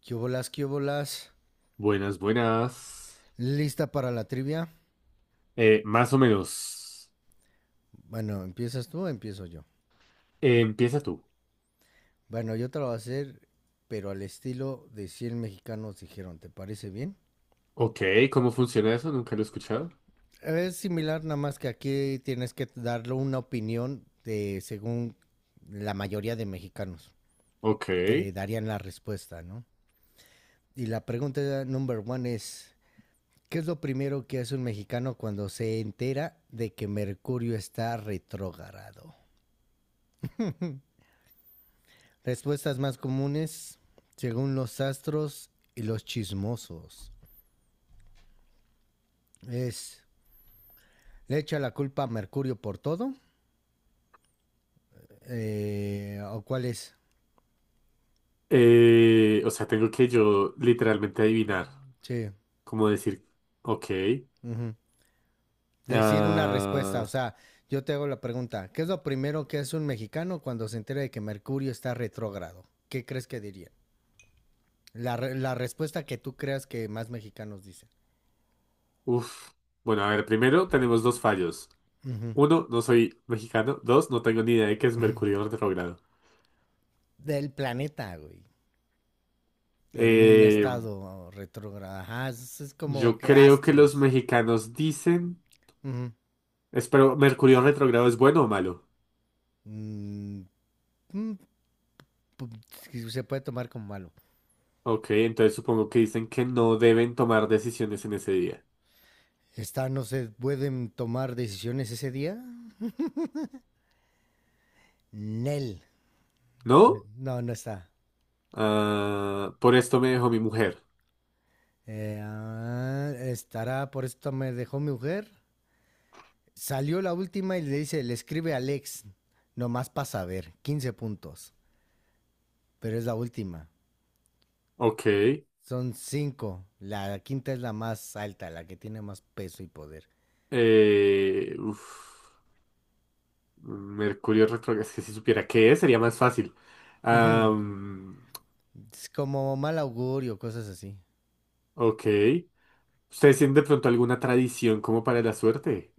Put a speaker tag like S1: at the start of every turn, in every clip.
S1: ¿Qué bolas, qué bolas?
S2: Buenas, buenas.
S1: ¿Lista para la trivia?
S2: Más o menos.
S1: Bueno, ¿empiezas tú o empiezo yo?
S2: Empieza tú.
S1: Bueno, yo te lo voy a hacer, pero al estilo de 100 mexicanos dijeron, ¿te parece bien?
S2: Ok, ¿cómo funciona eso? Nunca lo he escuchado.
S1: Es similar, nada más que aquí tienes que darle una opinión de según la mayoría de mexicanos
S2: Ok.
S1: que darían la respuesta, ¿no? Y la pregunta number one es, ¿qué es lo primero que hace un mexicano cuando se entera de que Mercurio está retrógrado? Respuestas más comunes, según los astros y los chismosos, es, ¿le echa la culpa a Mercurio por todo? ¿O cuál es?
S2: O sea, tengo que yo literalmente adivinar.
S1: Sí.
S2: Como decir, ok.
S1: Ujú. Decir una respuesta,
S2: Ah,
S1: o sea, yo te hago la pregunta, ¿qué es lo primero que hace un mexicano cuando se entera de que Mercurio está retrógrado? ¿Qué crees que diría? La respuesta que tú creas que más mexicanos dicen.
S2: uf. Bueno, a ver, primero tenemos dos fallos.
S1: Ujú.
S2: Uno, no soy mexicano. Dos, no tengo ni idea de qué es Mercurio retrógrado.
S1: Del planeta, güey. En un
S2: Eh,
S1: estado retrógrado. Ajá, es como
S2: yo
S1: que
S2: creo que los
S1: astros.
S2: mexicanos dicen...
S1: Ujú.
S2: Espero, ¿Mercurio retrógrado es bueno o malo?
S1: mm, mm, Se puede tomar como malo.
S2: Ok, entonces supongo que dicen que no deben tomar decisiones en ese día.
S1: ¿Está, no se pueden tomar decisiones ese día? Nel.
S2: ¿No?
S1: No, no está.
S2: Ah, por esto me dejó mi mujer.
S1: Estará, por esto me dejó mi mujer. Salió la última y le dice, le escribe a Alex, nomás para saber, 15 puntos, pero es la última.
S2: Ok.
S1: Son cinco. La quinta es la más alta, la que tiene más peso y poder.
S2: Uf, Mercurio retrógrado. Es que si supiera qué es, sería más fácil. Am,
S1: Es como mal augurio, cosas así.
S2: ok. ¿Ustedes tienen de pronto alguna tradición como para la suerte?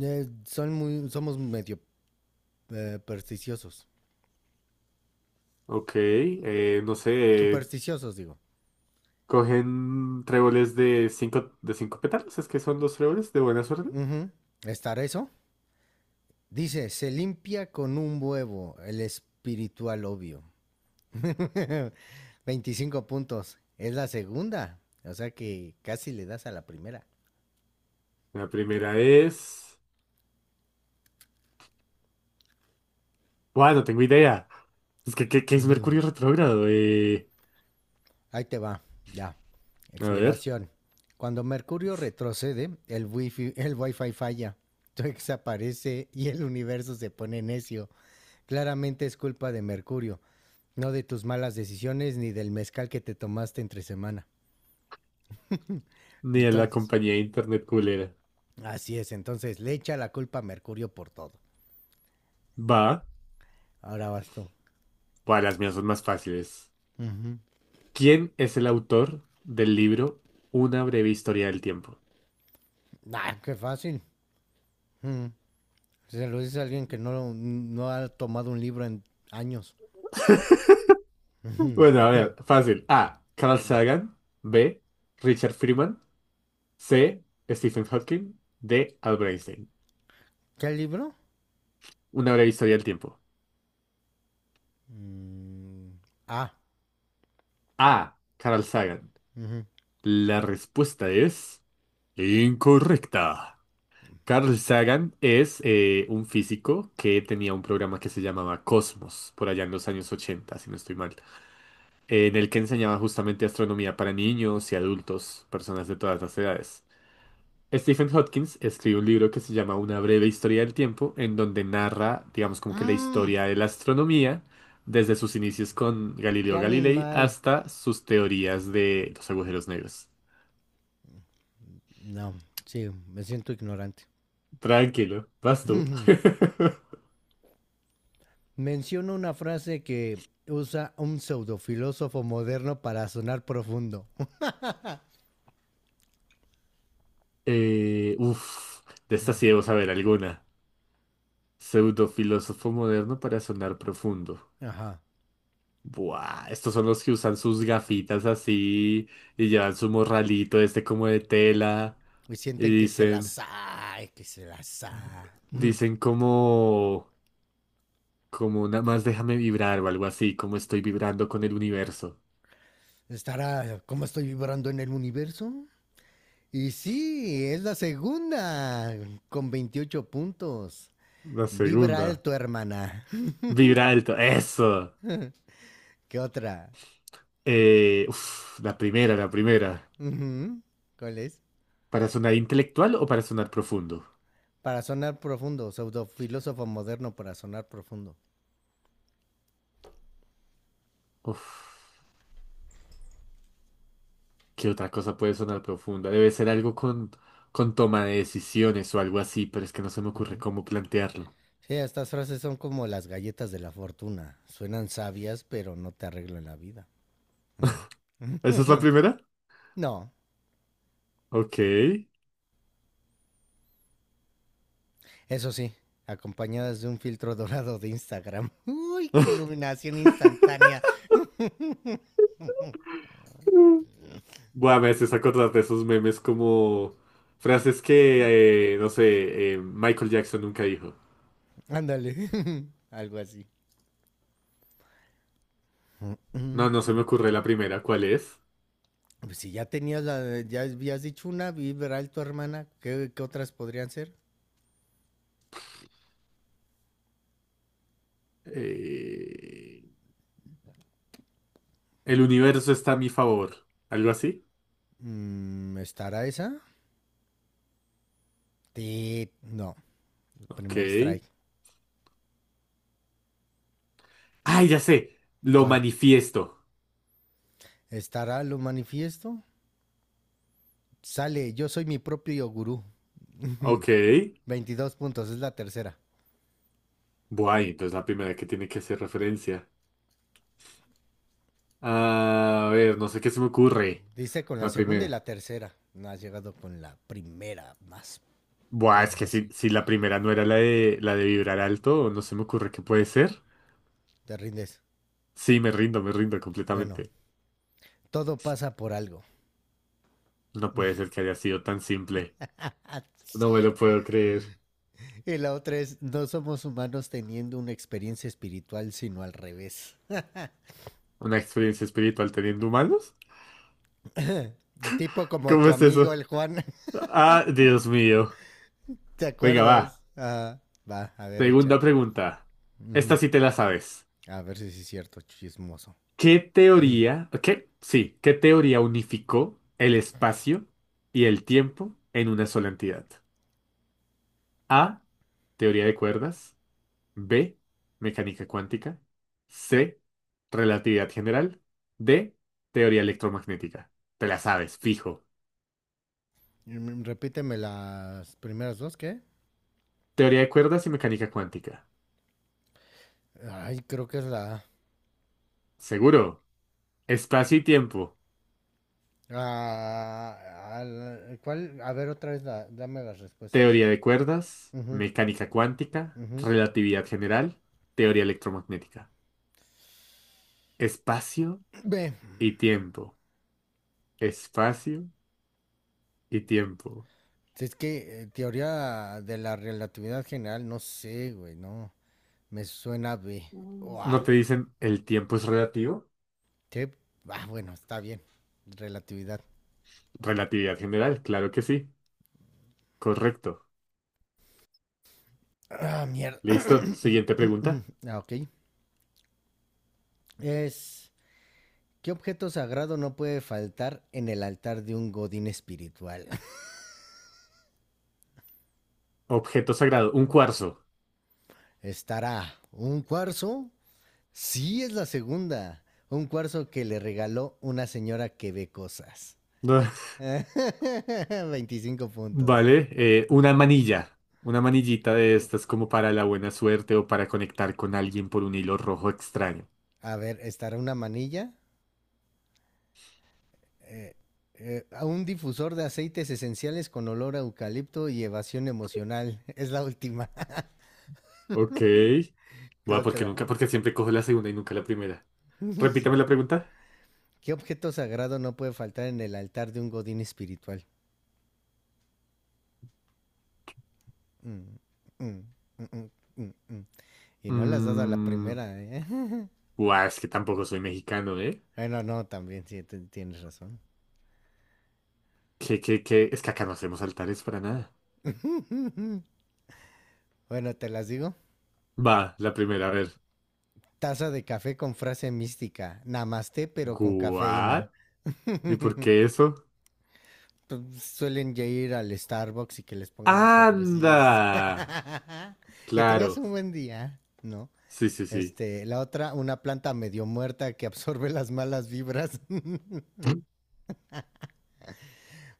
S1: Somos medio supersticiosos.
S2: Ok. No sé.
S1: Supersticiosos, digo.
S2: ¿Cogen tréboles de cinco pétalos? ¿Es que son los tréboles de buena suerte?
S1: Ujú. ¿Estar eso? Dice, se limpia con un huevo, el espiritual obvio. 25 puntos. Es la segunda. O sea que casi le das a la primera.
S2: La primera es. Bueno, tengo idea. Es que, qué es
S1: Ujú.
S2: Mercurio retrógrado?
S1: Ahí te va. Ya.
S2: A ver,
S1: Explicación. Cuando Mercurio retrocede, el wifi falla. Twix aparece y el universo se pone necio. Claramente es culpa de Mercurio, no de tus malas decisiones ni del mezcal que te tomaste entre semana.
S2: ni a la
S1: Entonces,
S2: compañía de internet culera.
S1: así es, entonces le echa la culpa a Mercurio por todo.
S2: Va.
S1: Ahora vas tú.
S2: Bueno, las mías son más fáciles.
S1: Ujú.
S2: ¿Quién es el autor del libro Una breve historia del tiempo?
S1: Ah, qué fácil. Ujú. Se lo dice a alguien que no, no ha tomado un libro en años.
S2: Bueno, a ver, fácil. A. Carl Sagan. B. Richard Freeman. C. Stephen Hawking. D. Albert Einstein.
S1: ¿Qué libro?
S2: Una breve historia del tiempo.
S1: Mm, ah.
S2: A. Carl Sagan.
S1: Ujú.
S2: La respuesta es incorrecta. Carl Sagan es un físico que tenía un programa que se llamaba Cosmos, por allá en los años 80, si no estoy mal, en el que enseñaba justamente astronomía para niños y adultos, personas de todas las edades. Stephen Hawking escribe un libro que se llama Una breve historia del tiempo, en donde narra, digamos, como que la
S1: Mm,
S2: historia de la astronomía, desde sus inicios con
S1: Qué
S2: Galileo Galilei
S1: animal.
S2: hasta sus teorías de los agujeros negros.
S1: No, sí, me siento ignorante.
S2: Tranquilo, vas tú.
S1: Menciono una frase que usa un pseudofilósofo moderno para sonar profundo.
S2: Uf, de esta sí debo saber alguna. Pseudofilósofo moderno para sonar profundo.
S1: Ajá.
S2: Buah, estos son los que usan sus gafitas así y llevan su morralito este como de tela
S1: Y
S2: y
S1: sienten que se
S2: dicen,
S1: las hay, que se las hay. Mm.
S2: dicen como, como nada más déjame vibrar o algo así, como estoy vibrando con el universo.
S1: Estará, ¿cómo estoy vibrando en el universo? Y sí, es la segunda, con 28 puntos.
S2: La
S1: Vibra
S2: segunda.
S1: alto, hermana.
S2: Vibra alto, eso.
S1: ¿Qué otra?
S2: Uf, la primera.
S1: Ujú. ¿Cuál es?
S2: ¿Para sonar intelectual o para sonar profundo?
S1: Para sonar profundo, pseudofilósofo moderno para sonar profundo.
S2: Uf. ¿Qué otra cosa puede sonar profunda? Debe ser algo con toma de decisiones o algo así, pero es que no se me ocurre
S1: Ujú.
S2: cómo plantearlo.
S1: Sí, estas frases son como las galletas de la fortuna. Suenan sabias, pero no te arreglan la vida. Mm.
S2: ¿Esa es la primera?
S1: No,
S2: Ok.
S1: eso sí, acompañadas de un filtro dorado de Instagram. Uy, qué iluminación instantánea.
S2: Mm. Buah, me haces acordar de esos memes como frases que, no sé, Michael Jackson nunca dijo.
S1: Ándale, algo así.
S2: No, no se me ocurre la primera. ¿Cuál es?
S1: Pues si ya tenías la, ya habías dicho una, vibral tu hermana, ¿qué otras podrían ser?
S2: Eh, el universo está a mi favor. ¿Algo así?
S1: ¿Estará esa? No,
S2: Ok.
S1: primer strike.
S2: ¡Ay, ya sé! Lo
S1: ¿Cuál?
S2: manifiesto.
S1: ¿Estará lo manifiesto? Sale, yo soy mi propio gurú.
S2: Ok.
S1: 22 puntos, es la tercera.
S2: Buah, y entonces la primera que tiene que hacer referencia. Ah, a ver, no sé qué se me ocurre.
S1: Dice con la
S2: La
S1: segunda y
S2: primera.
S1: la tercera. No has llegado con la primera, más
S2: Buah, es que
S1: poderosa.
S2: si la primera no era la de vibrar alto, no se me ocurre qué puede ser.
S1: Te rindes.
S2: Sí, me rindo
S1: Bueno,
S2: completamente.
S1: todo pasa por algo.
S2: No puede ser que haya sido tan simple. No me
S1: Así.
S2: lo puedo creer.
S1: Y la otra es, no somos humanos teniendo una experiencia espiritual, sino al revés.
S2: ¿Una experiencia espiritual teniendo humanos?
S1: Tipo como
S2: ¿Cómo
S1: tu
S2: es
S1: amigo
S2: eso?
S1: el Juan,
S2: Ah, Dios mío.
S1: ¿te
S2: Venga,
S1: acuerdas?
S2: va.
S1: Ajá. Va, a ver,
S2: Segunda
S1: échale.
S2: pregunta. Esta
S1: Ujú.
S2: sí te la sabes.
S1: A ver si sí es cierto, chismoso. Ujú.
S2: ¿Qué teoría unificó el espacio y el tiempo en una sola entidad? A, teoría de cuerdas. B, mecánica cuántica. C, relatividad general. D, teoría electromagnética. Te la sabes, fijo.
S1: Repíteme las primeras dos, ¿qué?
S2: Teoría de cuerdas y mecánica cuántica.
S1: Ay, creo que es la...
S2: Seguro. Espacio y tiempo.
S1: Ah, ah, ¿cuál? A ver, otra vez, dame las respuestas.
S2: Teoría de cuerdas,
S1: Ujú,
S2: mecánica cuántica,
S1: ujú.
S2: relatividad general, teoría electromagnética. Espacio
S1: Ve,
S2: y tiempo. Espacio y tiempo.
S1: si es que teoría de la relatividad general, no sé, güey, no. Me suena B.
S2: ¿No
S1: Uah.
S2: te dicen el tiempo es relativo?
S1: Qué, ah, bueno, está bien. Relatividad.
S2: Relatividad general, claro que sí. Correcto.
S1: Ah, mierda.
S2: Listo, siguiente pregunta.
S1: Ah, ok. Es. ¿Qué objeto sagrado no puede faltar en el altar de un godín espiritual?
S2: Objeto sagrado, un cuarzo.
S1: Estará un cuarzo. Sí, es la segunda. Un cuarzo que le regaló una señora que ve cosas.
S2: No.
S1: 25 puntos.
S2: Vale, una manilla, una manillita de estas como para la buena suerte o para conectar con alguien por un hilo rojo extraño.
S1: A ver, estará una manilla, eh, a un difusor de aceites esenciales con olor a eucalipto y evasión emocional. Es la última.
S2: Ok.
S1: ¿Qué
S2: Bueno, porque
S1: otra?
S2: nunca, porque siempre cojo la segunda y nunca la primera. Repítame
S1: Sí.
S2: la pregunta.
S1: ¿Qué objeto sagrado no puede faltar en el altar de un godín espiritual? Mm, mm, mm, mm, mm. Mm. Y no le has dado a la
S2: Mm,
S1: primera, ¿eh?
S2: buah, es que tampoco soy mexicano, ¿eh?
S1: Bueno, no, también, sí, tienes razón.
S2: ¿Qué? Es que acá no hacemos altares para nada.
S1: Bueno, te las digo.
S2: Va, la primera, a ver.
S1: Taza de café con frase mística. Namaste, pero con cafeína.
S2: ¿What? ¿Y por qué eso?
S1: Pues, suelen ya ir al Starbucks y que les pongan sus
S2: ¡Anda!
S1: cafecitos que
S2: Claro.
S1: tengas un buen día, ¿no?
S2: Sí, sí, sí.
S1: Este, la otra, una planta medio muerta que absorbe las malas vibras,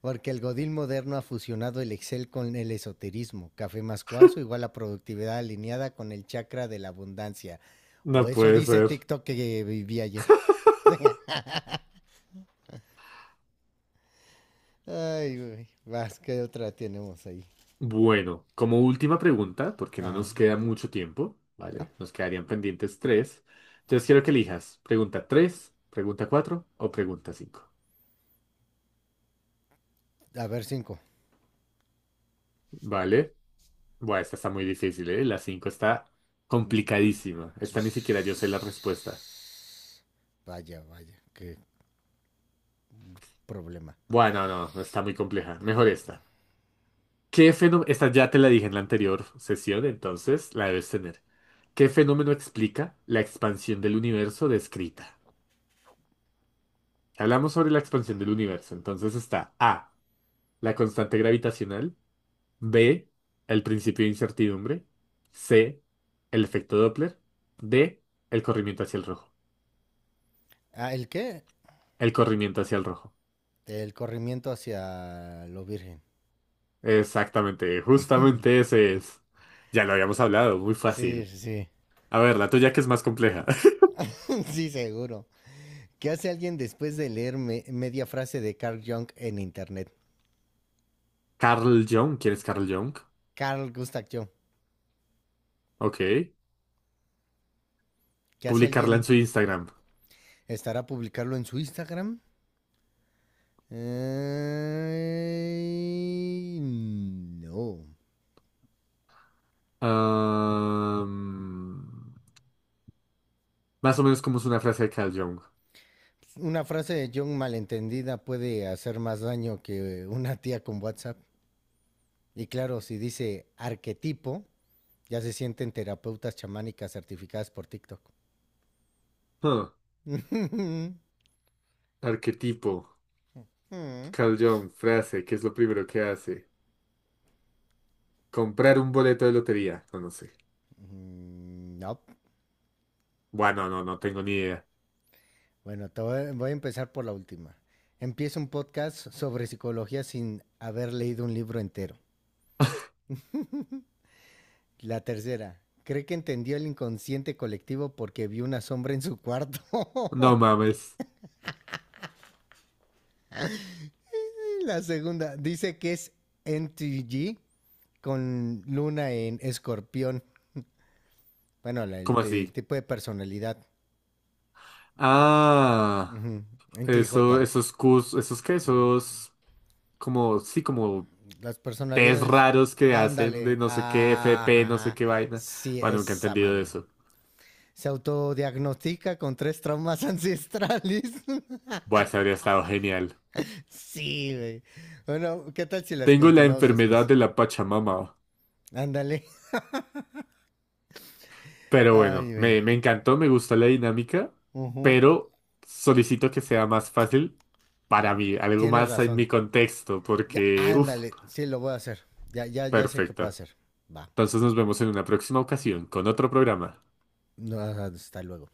S1: porque el godín moderno ha fusionado el Excel con el esoterismo. Café más cuarzo igual a productividad alineada con el chakra de la abundancia. O
S2: No
S1: eso
S2: puede
S1: dice
S2: ser.
S1: TikTok que viví ayer. Ay, güey. Vas, ¿qué otra tenemos ahí?
S2: Bueno, como última pregunta, porque no
S1: Ajá.
S2: nos queda mucho tiempo,
S1: Ya.
S2: ¿vale? Nos quedarían pendientes tres. Entonces quiero que elijas pregunta tres, pregunta cuatro o pregunta cinco.
S1: A ver, cinco.
S2: ¿Vale? Bueno, esta está muy difícil, ¿eh? La cinco está complicadísima. Esta ni siquiera yo sé la respuesta.
S1: Vaya, vaya, qué problema.
S2: Bueno, no, no, está muy compleja. Mejor esta. ¿Qué fenómeno? Esta ya te la dije en la anterior sesión, entonces la debes tener. ¿Qué fenómeno explica la expansión del universo descrita? Hablamos sobre la expansión del universo, entonces está A, la constante gravitacional, B, el principio de incertidumbre, C, el efecto Doppler, D, el corrimiento hacia el rojo.
S1: Ah, ¿el qué?
S2: El corrimiento hacia el rojo.
S1: El corrimiento hacia lo virgen.
S2: Exactamente, justamente ese es. Ya lo habíamos hablado, muy
S1: Sí,
S2: fácil.
S1: sí,
S2: A ver, la tuya que es más compleja.
S1: sí, seguro. ¿Qué hace alguien después de leer media frase de Carl Jung en internet?
S2: Carl Jung, ¿quién es Carl Jung?
S1: Carl Gustav Jung.
S2: Ok.
S1: ¿Qué hace
S2: Publicarla en
S1: alguien?
S2: su Instagram.
S1: ¿Estará publicarlo en su Instagram? No.
S2: Am, más o menos como es una frase de Carl Jung.
S1: Una frase de Jung malentendida puede hacer más daño que una tía con WhatsApp. Y claro, si dice arquetipo, ya se sienten terapeutas chamánicas certificadas por TikTok.
S2: Huh. Arquetipo.
S1: Mm,
S2: Carl Jung, frase, ¿qué es lo primero que hace? Comprar un boleto de lotería. No, no sé.
S1: no.
S2: Bueno, no tengo ni idea.
S1: Bueno, voy a empezar por la última. Empiezo un podcast sobre psicología sin haber leído un libro entero. La tercera. Cree que entendió el inconsciente colectivo porque vio una sombra en su cuarto.
S2: No mames.
S1: La segunda. Dice que es NTG con luna en escorpión. Bueno,
S2: ¿Cómo
S1: el
S2: así?
S1: tipo de personalidad.
S2: Ah,
S1: Ujú. En ti,
S2: eso,
S1: Jota.
S2: esos cus, esos qué, esos como, sí, como
S1: Las
S2: test
S1: personalidades.
S2: raros que hacen de
S1: Ándale.
S2: no sé qué,
S1: Ah,
S2: FP, no sé
S1: ajá,
S2: qué vaina.
S1: sí,
S2: Bueno, nunca he
S1: esa
S2: entendido
S1: madre.
S2: eso.
S1: Se autodiagnostica con tres traumas ancestrales.
S2: Bueno, eso habría estado genial.
S1: Sí, güey. Bueno, ¿qué tal si las
S2: Tengo la
S1: continuamos
S2: enfermedad
S1: después?
S2: de la Pachamama,
S1: Ándale.
S2: pero
S1: Ay,
S2: bueno,
S1: bueno.
S2: me encantó, me gustó la dinámica,
S1: Ujú.
S2: pero solicito que sea más fácil para mí, algo
S1: Tienes
S2: más en
S1: razón.
S2: mi contexto,
S1: Ya,
S2: porque, uff,
S1: ándale. Sí, lo voy a hacer. Ya, ya, ya sé qué puedo
S2: perfecto.
S1: hacer. Va.
S2: Entonces nos vemos en una próxima ocasión con otro programa.
S1: No, hasta luego.